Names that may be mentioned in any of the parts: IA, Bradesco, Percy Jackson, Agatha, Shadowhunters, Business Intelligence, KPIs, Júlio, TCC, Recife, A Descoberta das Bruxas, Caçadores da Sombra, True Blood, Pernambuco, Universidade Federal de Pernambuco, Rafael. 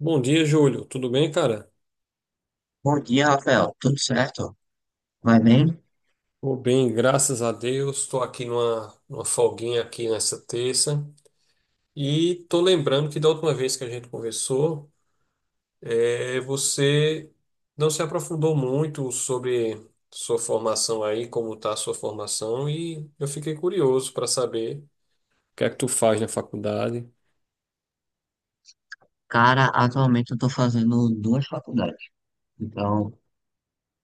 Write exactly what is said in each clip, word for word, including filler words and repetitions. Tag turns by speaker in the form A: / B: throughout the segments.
A: Bom dia, Júlio. Tudo bem, cara?
B: Bom dia, Rafael. Tudo certo? Vai bem?
A: Tô bem, graças a Deus. Estou aqui numa, numa folguinha aqui nessa terça. E tô lembrando que da última vez que a gente conversou, eh, você não se aprofundou muito sobre sua formação aí, como tá a sua formação, e eu fiquei curioso para saber o que é que tu faz na faculdade.
B: Cara, atualmente eu tô fazendo duas faculdades. Então,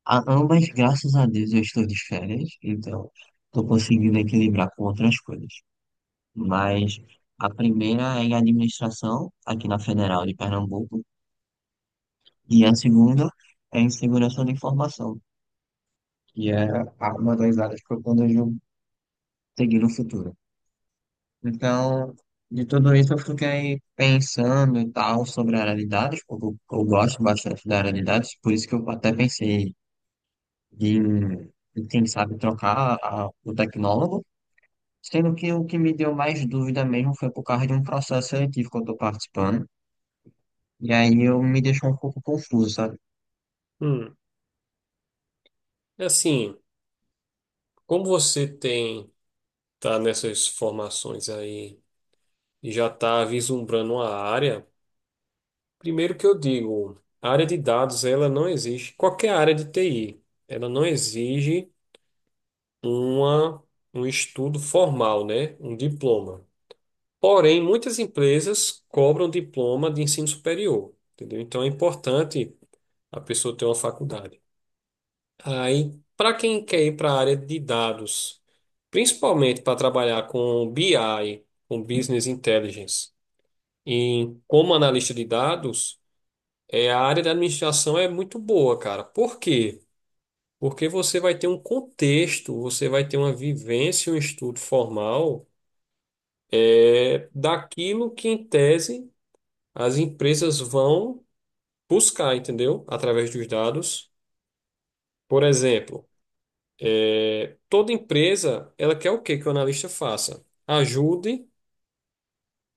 B: a- ambas, graças a Deus, eu estou de férias. Então, tô conseguindo equilibrar com outras coisas. Mas a primeira é em administração, aqui na Federal de Pernambuco. E a segunda é em segurança da informação, que é a- uma das áreas que eu planejo seguir no futuro. Então, de tudo isso eu fiquei pensando e tal sobre oralidades, porque eu, eu gosto bastante de oralidades, por isso que eu até pensei em, em, quem sabe, trocar a- o tecnólogo, sendo que o que me deu mais dúvida mesmo foi por causa de um processo seletivo que eu estou participando, e aí eu me deixou um pouco confuso, sabe?
A: Hum, é assim, como você tem tá nessas formações aí e já tá vislumbrando uma área, primeiro que eu digo, a área de dados, ela não exige, qualquer área de T I, ela não exige uma, um estudo formal, né? Um diploma. Porém, muitas empresas cobram diploma de ensino superior, entendeu? Então é importante a pessoa ter uma faculdade. Aí, para quem quer ir para a área de dados, principalmente para trabalhar com B I, com Business Intelligence, em como analista de dados, é, a área da administração é muito boa, cara. Por quê? Porque você vai ter um contexto, você vai ter uma vivência, um estudo formal é, daquilo que, em tese, as empresas vão buscar, entendeu? Através dos dados. Por exemplo, toda empresa, ela quer o quê que o analista faça? Ajude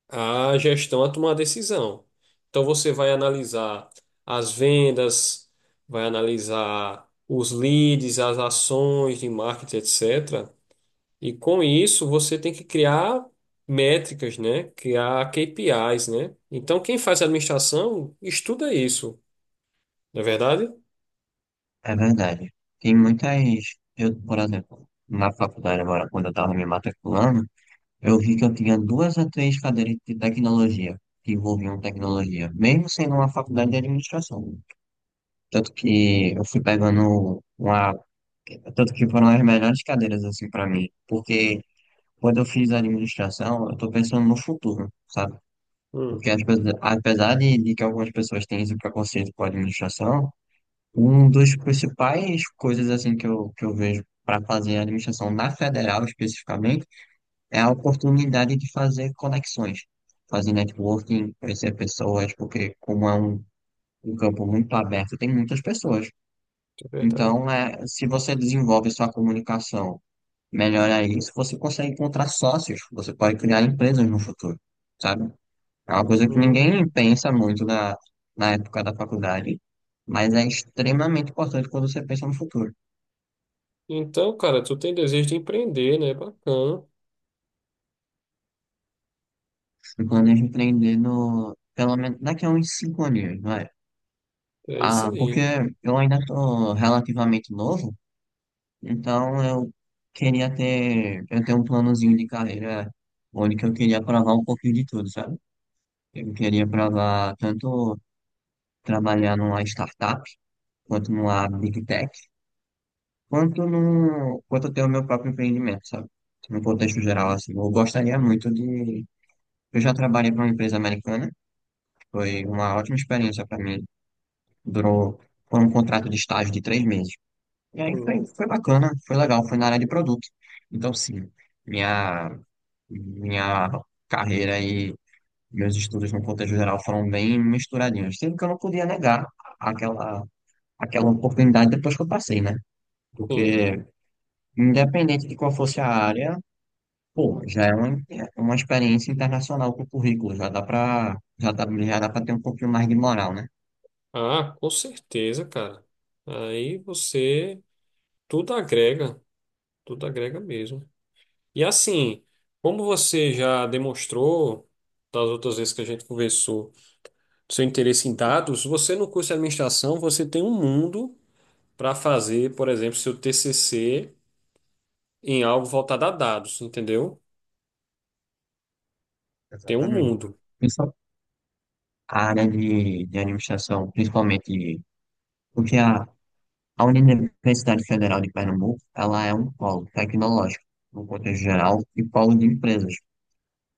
A: a gestão a tomar a decisão. Então você vai analisar as vendas, vai analisar os leads, as ações de marketing, etcétera. E com isso você tem que criar métricas, né? Criar K P Is, né? Então quem faz administração estuda isso, não é verdade?
B: É verdade. Tem muitas, eu, por exemplo, na faculdade agora, quando eu estava me matriculando, eu vi que eu tinha duas a três cadeiras de tecnologia, que envolviam tecnologia, mesmo sendo uma faculdade de administração. Tanto que eu fui pegando uma. Tanto que foram as melhores cadeiras, assim, para mim. Porque quando eu fiz administração, eu tô pensando no futuro, sabe?
A: Hum,
B: Porque as pessoas- apesar de, de que algumas pessoas têm esse preconceito com a administração, um dos principais coisas, assim, que eu, que eu vejo para fazer administração na federal, especificamente, é a oportunidade de fazer conexões, fazer networking, conhecer pessoas, porque como é um, um campo muito aberto, tem muitas pessoas.
A: é verdade.
B: Então, é, se você desenvolve sua comunicação, melhora isso, você consegue encontrar sócios, você pode criar empresas no futuro, sabe? É uma coisa que ninguém
A: Hum.
B: pensa muito na, na época da faculdade, mas é extremamente importante quando você pensa no futuro.
A: Então, cara, tu tem desejo de empreender, né? Bacana.
B: Eu planejo empreender no, pelo menos daqui a uns cinco anos, não.
A: É isso
B: Ah, porque
A: aí.
B: eu ainda tô relativamente novo, então eu queria ter, eu tenho um planozinho de carreira onde que eu queria provar um pouquinho de tudo, sabe? Eu queria provar tanto trabalhar numa startup, quanto numa big tech, quanto no, quanto ter o meu próprio empreendimento, sabe? No contexto geral, assim, eu gostaria muito de, eu já trabalhei para uma empresa americana, foi uma ótima experiência para mim, durou, foi um contrato de estágio de três meses. E aí
A: Hum,
B: foi, foi bacana, foi legal, foi na área de produto. Então, sim, minha, minha carreira e meus estudos no contexto geral foram bem misturadinhos. Sendo que eu não podia negar aquela, aquela oportunidade depois que eu passei, né? Porque,
A: sim.
B: independente de qual fosse a área, pô, já é uma, é uma experiência internacional com o currículo, já dá pra, já dá, já dá pra ter um pouquinho mais de moral, né?
A: Ah, com certeza, cara. Aí você tudo agrega, tudo agrega mesmo. E assim, como você já demonstrou das outras vezes que a gente conversou, seu interesse em dados, você no curso de administração, você tem um mundo para fazer, por exemplo, seu T C C em algo voltado a dados, entendeu? Tem um
B: Exatamente.
A: mundo.
B: Principal- A área de, de administração, principalmente, porque a, A Universidade Federal de Pernambuco, ela é um polo tecnológico, no contexto geral, e polo de empresas.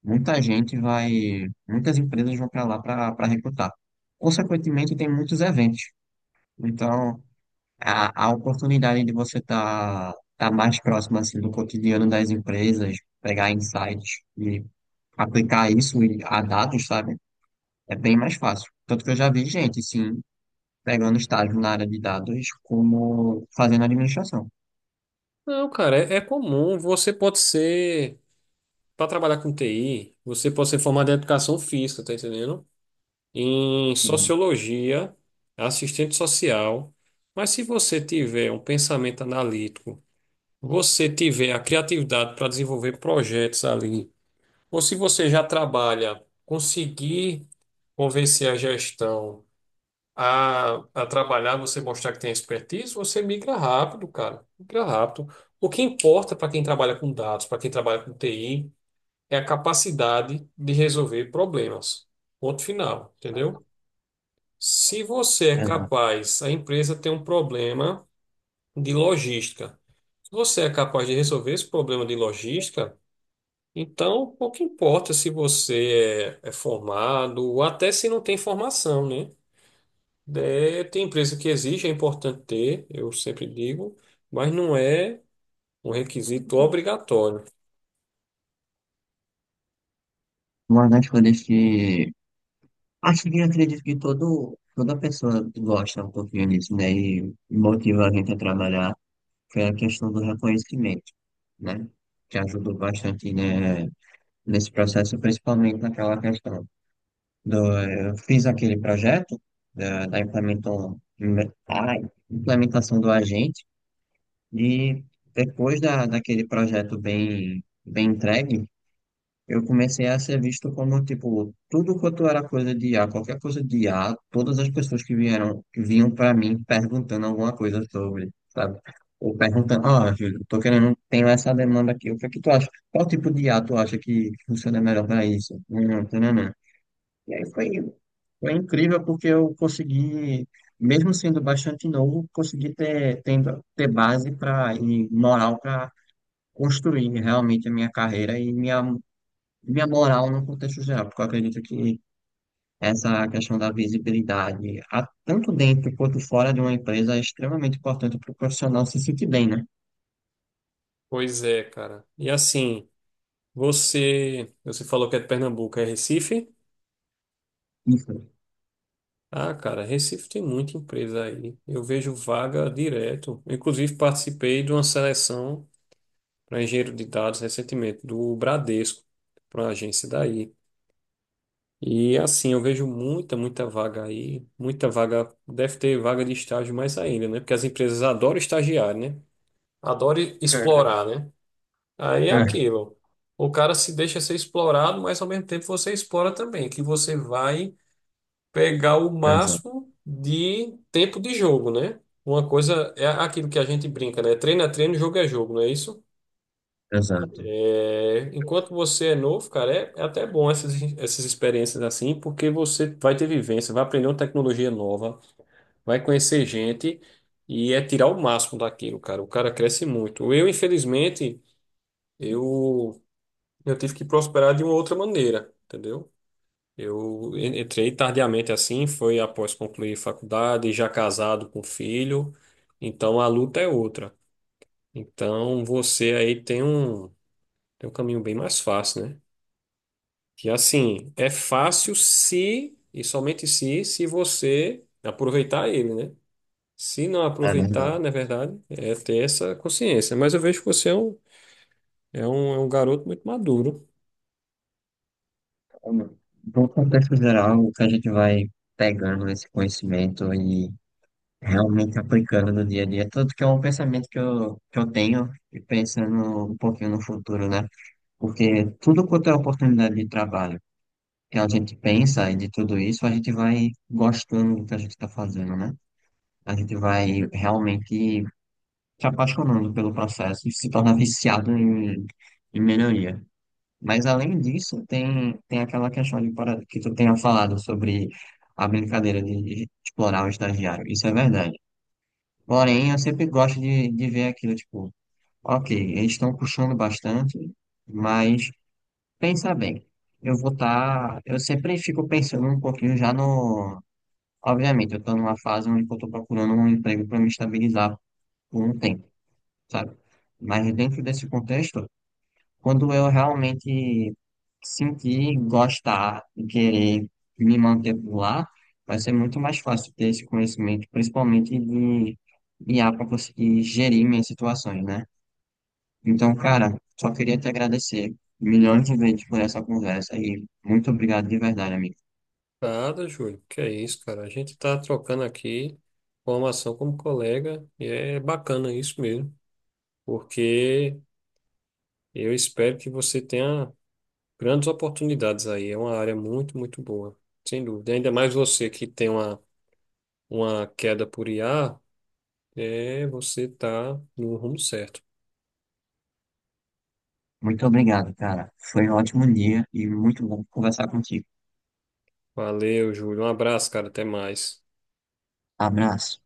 B: Muita gente vai, muitas empresas vão para lá para recrutar. Consequentemente, tem muitos eventos. Então, a, a oportunidade de você estar tá, tá mais próximo assim do cotidiano das empresas, pegar insights e aplicar isso e- a dados, sabe? É bem mais fácil. Tanto que eu já vi gente, sim, pegando estágio na área de dados como fazendo administração.
A: Não, cara, é, é comum. Você pode ser, para trabalhar com T I, você pode ser formado em educação física, tá entendendo? Em
B: Sim.
A: sociologia, assistente social, mas se você tiver um pensamento analítico, você tiver a criatividade para desenvolver projetos ali, ou se você já trabalha, conseguir convencer a gestão a, a trabalhar, você mostrar que tem expertise, você migra rápido, cara, migra rápido. O que importa para quem trabalha com dados, para quem trabalha com T I, é a capacidade de resolver problemas. Ponto final, entendeu? Se você é
B: Exato.
A: capaz, a empresa tem um problema de logística. Se você é capaz de resolver esse problema de logística, então pouco importa se você é, é formado ou até se não tem formação, né? É, tem empresa que exige, é importante ter, eu sempre digo, mas não é um requisito obrigatório.
B: Uma das coisas que acho que acredito que todo, toda pessoa gosta um pouquinho disso, né? E motiva a gente a trabalhar, foi a questão do reconhecimento, né? Que ajudou bastante, né, nesse processo, principalmente naquela questão do eu fiz aquele projeto da, da implementou- a implementação do agente e depois da, daquele projeto bem, bem entregue. Eu comecei a ser visto como, tipo, tudo quanto era coisa de I a qualquer coisa de I a todas as pessoas que vieram, que vinham para mim perguntando alguma coisa sobre, sabe? Ou perguntando, ah, Júlio, tô querendo, tenho essa demanda aqui, o que é que tu acha? Qual tipo de I a tu acha que funciona melhor para isso? Hum, tananã. E aí foi, foi incrível porque eu consegui, mesmo sendo bastante novo, consegui ter, tendo, ter base pra, e moral para construir realmente a minha carreira e minha minha moral no contexto geral, porque eu acredito que essa questão da visibilidade, a- tanto dentro quanto fora de uma empresa, é extremamente importante para o profissional se sentir bem, né?
A: Pois é, cara. E assim, você, você falou que é de Pernambuco, é Recife?
B: Isso.
A: Ah, cara, Recife tem muita empresa aí. Eu vejo vaga direto. Eu, inclusive, participei de uma seleção para engenheiro de dados recentemente, do Bradesco, para uma agência daí. E assim, eu vejo muita, muita vaga aí. Muita vaga, deve ter vaga de estágio mais ainda, né? Porque as empresas adoram estagiar, né? Adoram explorar, né? Aí é
B: É,
A: aquilo. O cara se deixa ser explorado, mas ao mesmo tempo você explora também, que você vai pegar o
B: exato,
A: máximo de tempo de jogo, né? Uma coisa é aquilo que a gente brinca, né? Treino é treino, jogo é jogo, não é isso?
B: exato.
A: É, enquanto você é novo, cara, é, é até bom essas, essas experiências assim, porque você vai ter vivência, vai aprender uma tecnologia nova, vai conhecer gente e é tirar o máximo daquilo, cara. O cara cresce muito. Eu, infelizmente, eu, eu tive que prosperar de uma outra maneira, entendeu? Eu en- entrei tardiamente assim, foi após concluir faculdade, já casado com filho, então a luta é outra. Então você aí tem um, tem um caminho bem mais fácil, né? Que assim, é fácil se, e somente se, se você aproveitar ele, né? Se não
B: É verdade.
A: aproveitar, na verdade, é ter essa consciência. Mas eu vejo que você é um, é um, é um garoto muito maduro.
B: Então, no contexto geral, o que a gente vai pegando esse conhecimento e realmente aplicando no dia a dia, tanto que é um pensamento que eu, que eu tenho, e pensando um pouquinho no futuro, né? Porque tudo quanto é oportunidade de trabalho, que a gente pensa e de tudo isso, a gente vai gostando do que a gente está fazendo, né? A gente vai realmente se apaixonando pelo processo e se torna viciado em, em melhoria. Mas além disso, tem, tem aquela questão de, para- que tu tenha falado sobre a brincadeira de explorar o estagiário. Isso é verdade. Porém, eu sempre gosto de, de ver aquilo, tipo, ok, eles estão puxando bastante, mas pensa bem. Eu vou estar. Eu sempre fico pensando um pouquinho já no, obviamente, eu estou numa fase onde eu estou procurando um emprego para me estabilizar por um tempo, sabe? Mas dentro desse contexto, quando eu realmente sentir, gostar e querer me manter por lá, vai ser muito mais fácil ter esse conhecimento, principalmente de I A para conseguir gerir minhas situações, né? Então, cara, só queria te agradecer milhões de vezes por essa conversa e muito obrigado de verdade, amigo.
A: Nada, Júlio. Que é isso, cara? A gente tá trocando aqui formação como colega e é bacana isso mesmo, porque eu espero que você tenha grandes oportunidades aí. É uma área muito, muito boa, sem dúvida. Ainda mais você que tem uma, uma queda por I A, é, você tá no rumo certo.
B: Muito obrigado, cara. Foi um ótimo dia e muito bom conversar contigo.
A: Valeu, Júlio. Um abraço, cara. Até mais.
B: Abraço.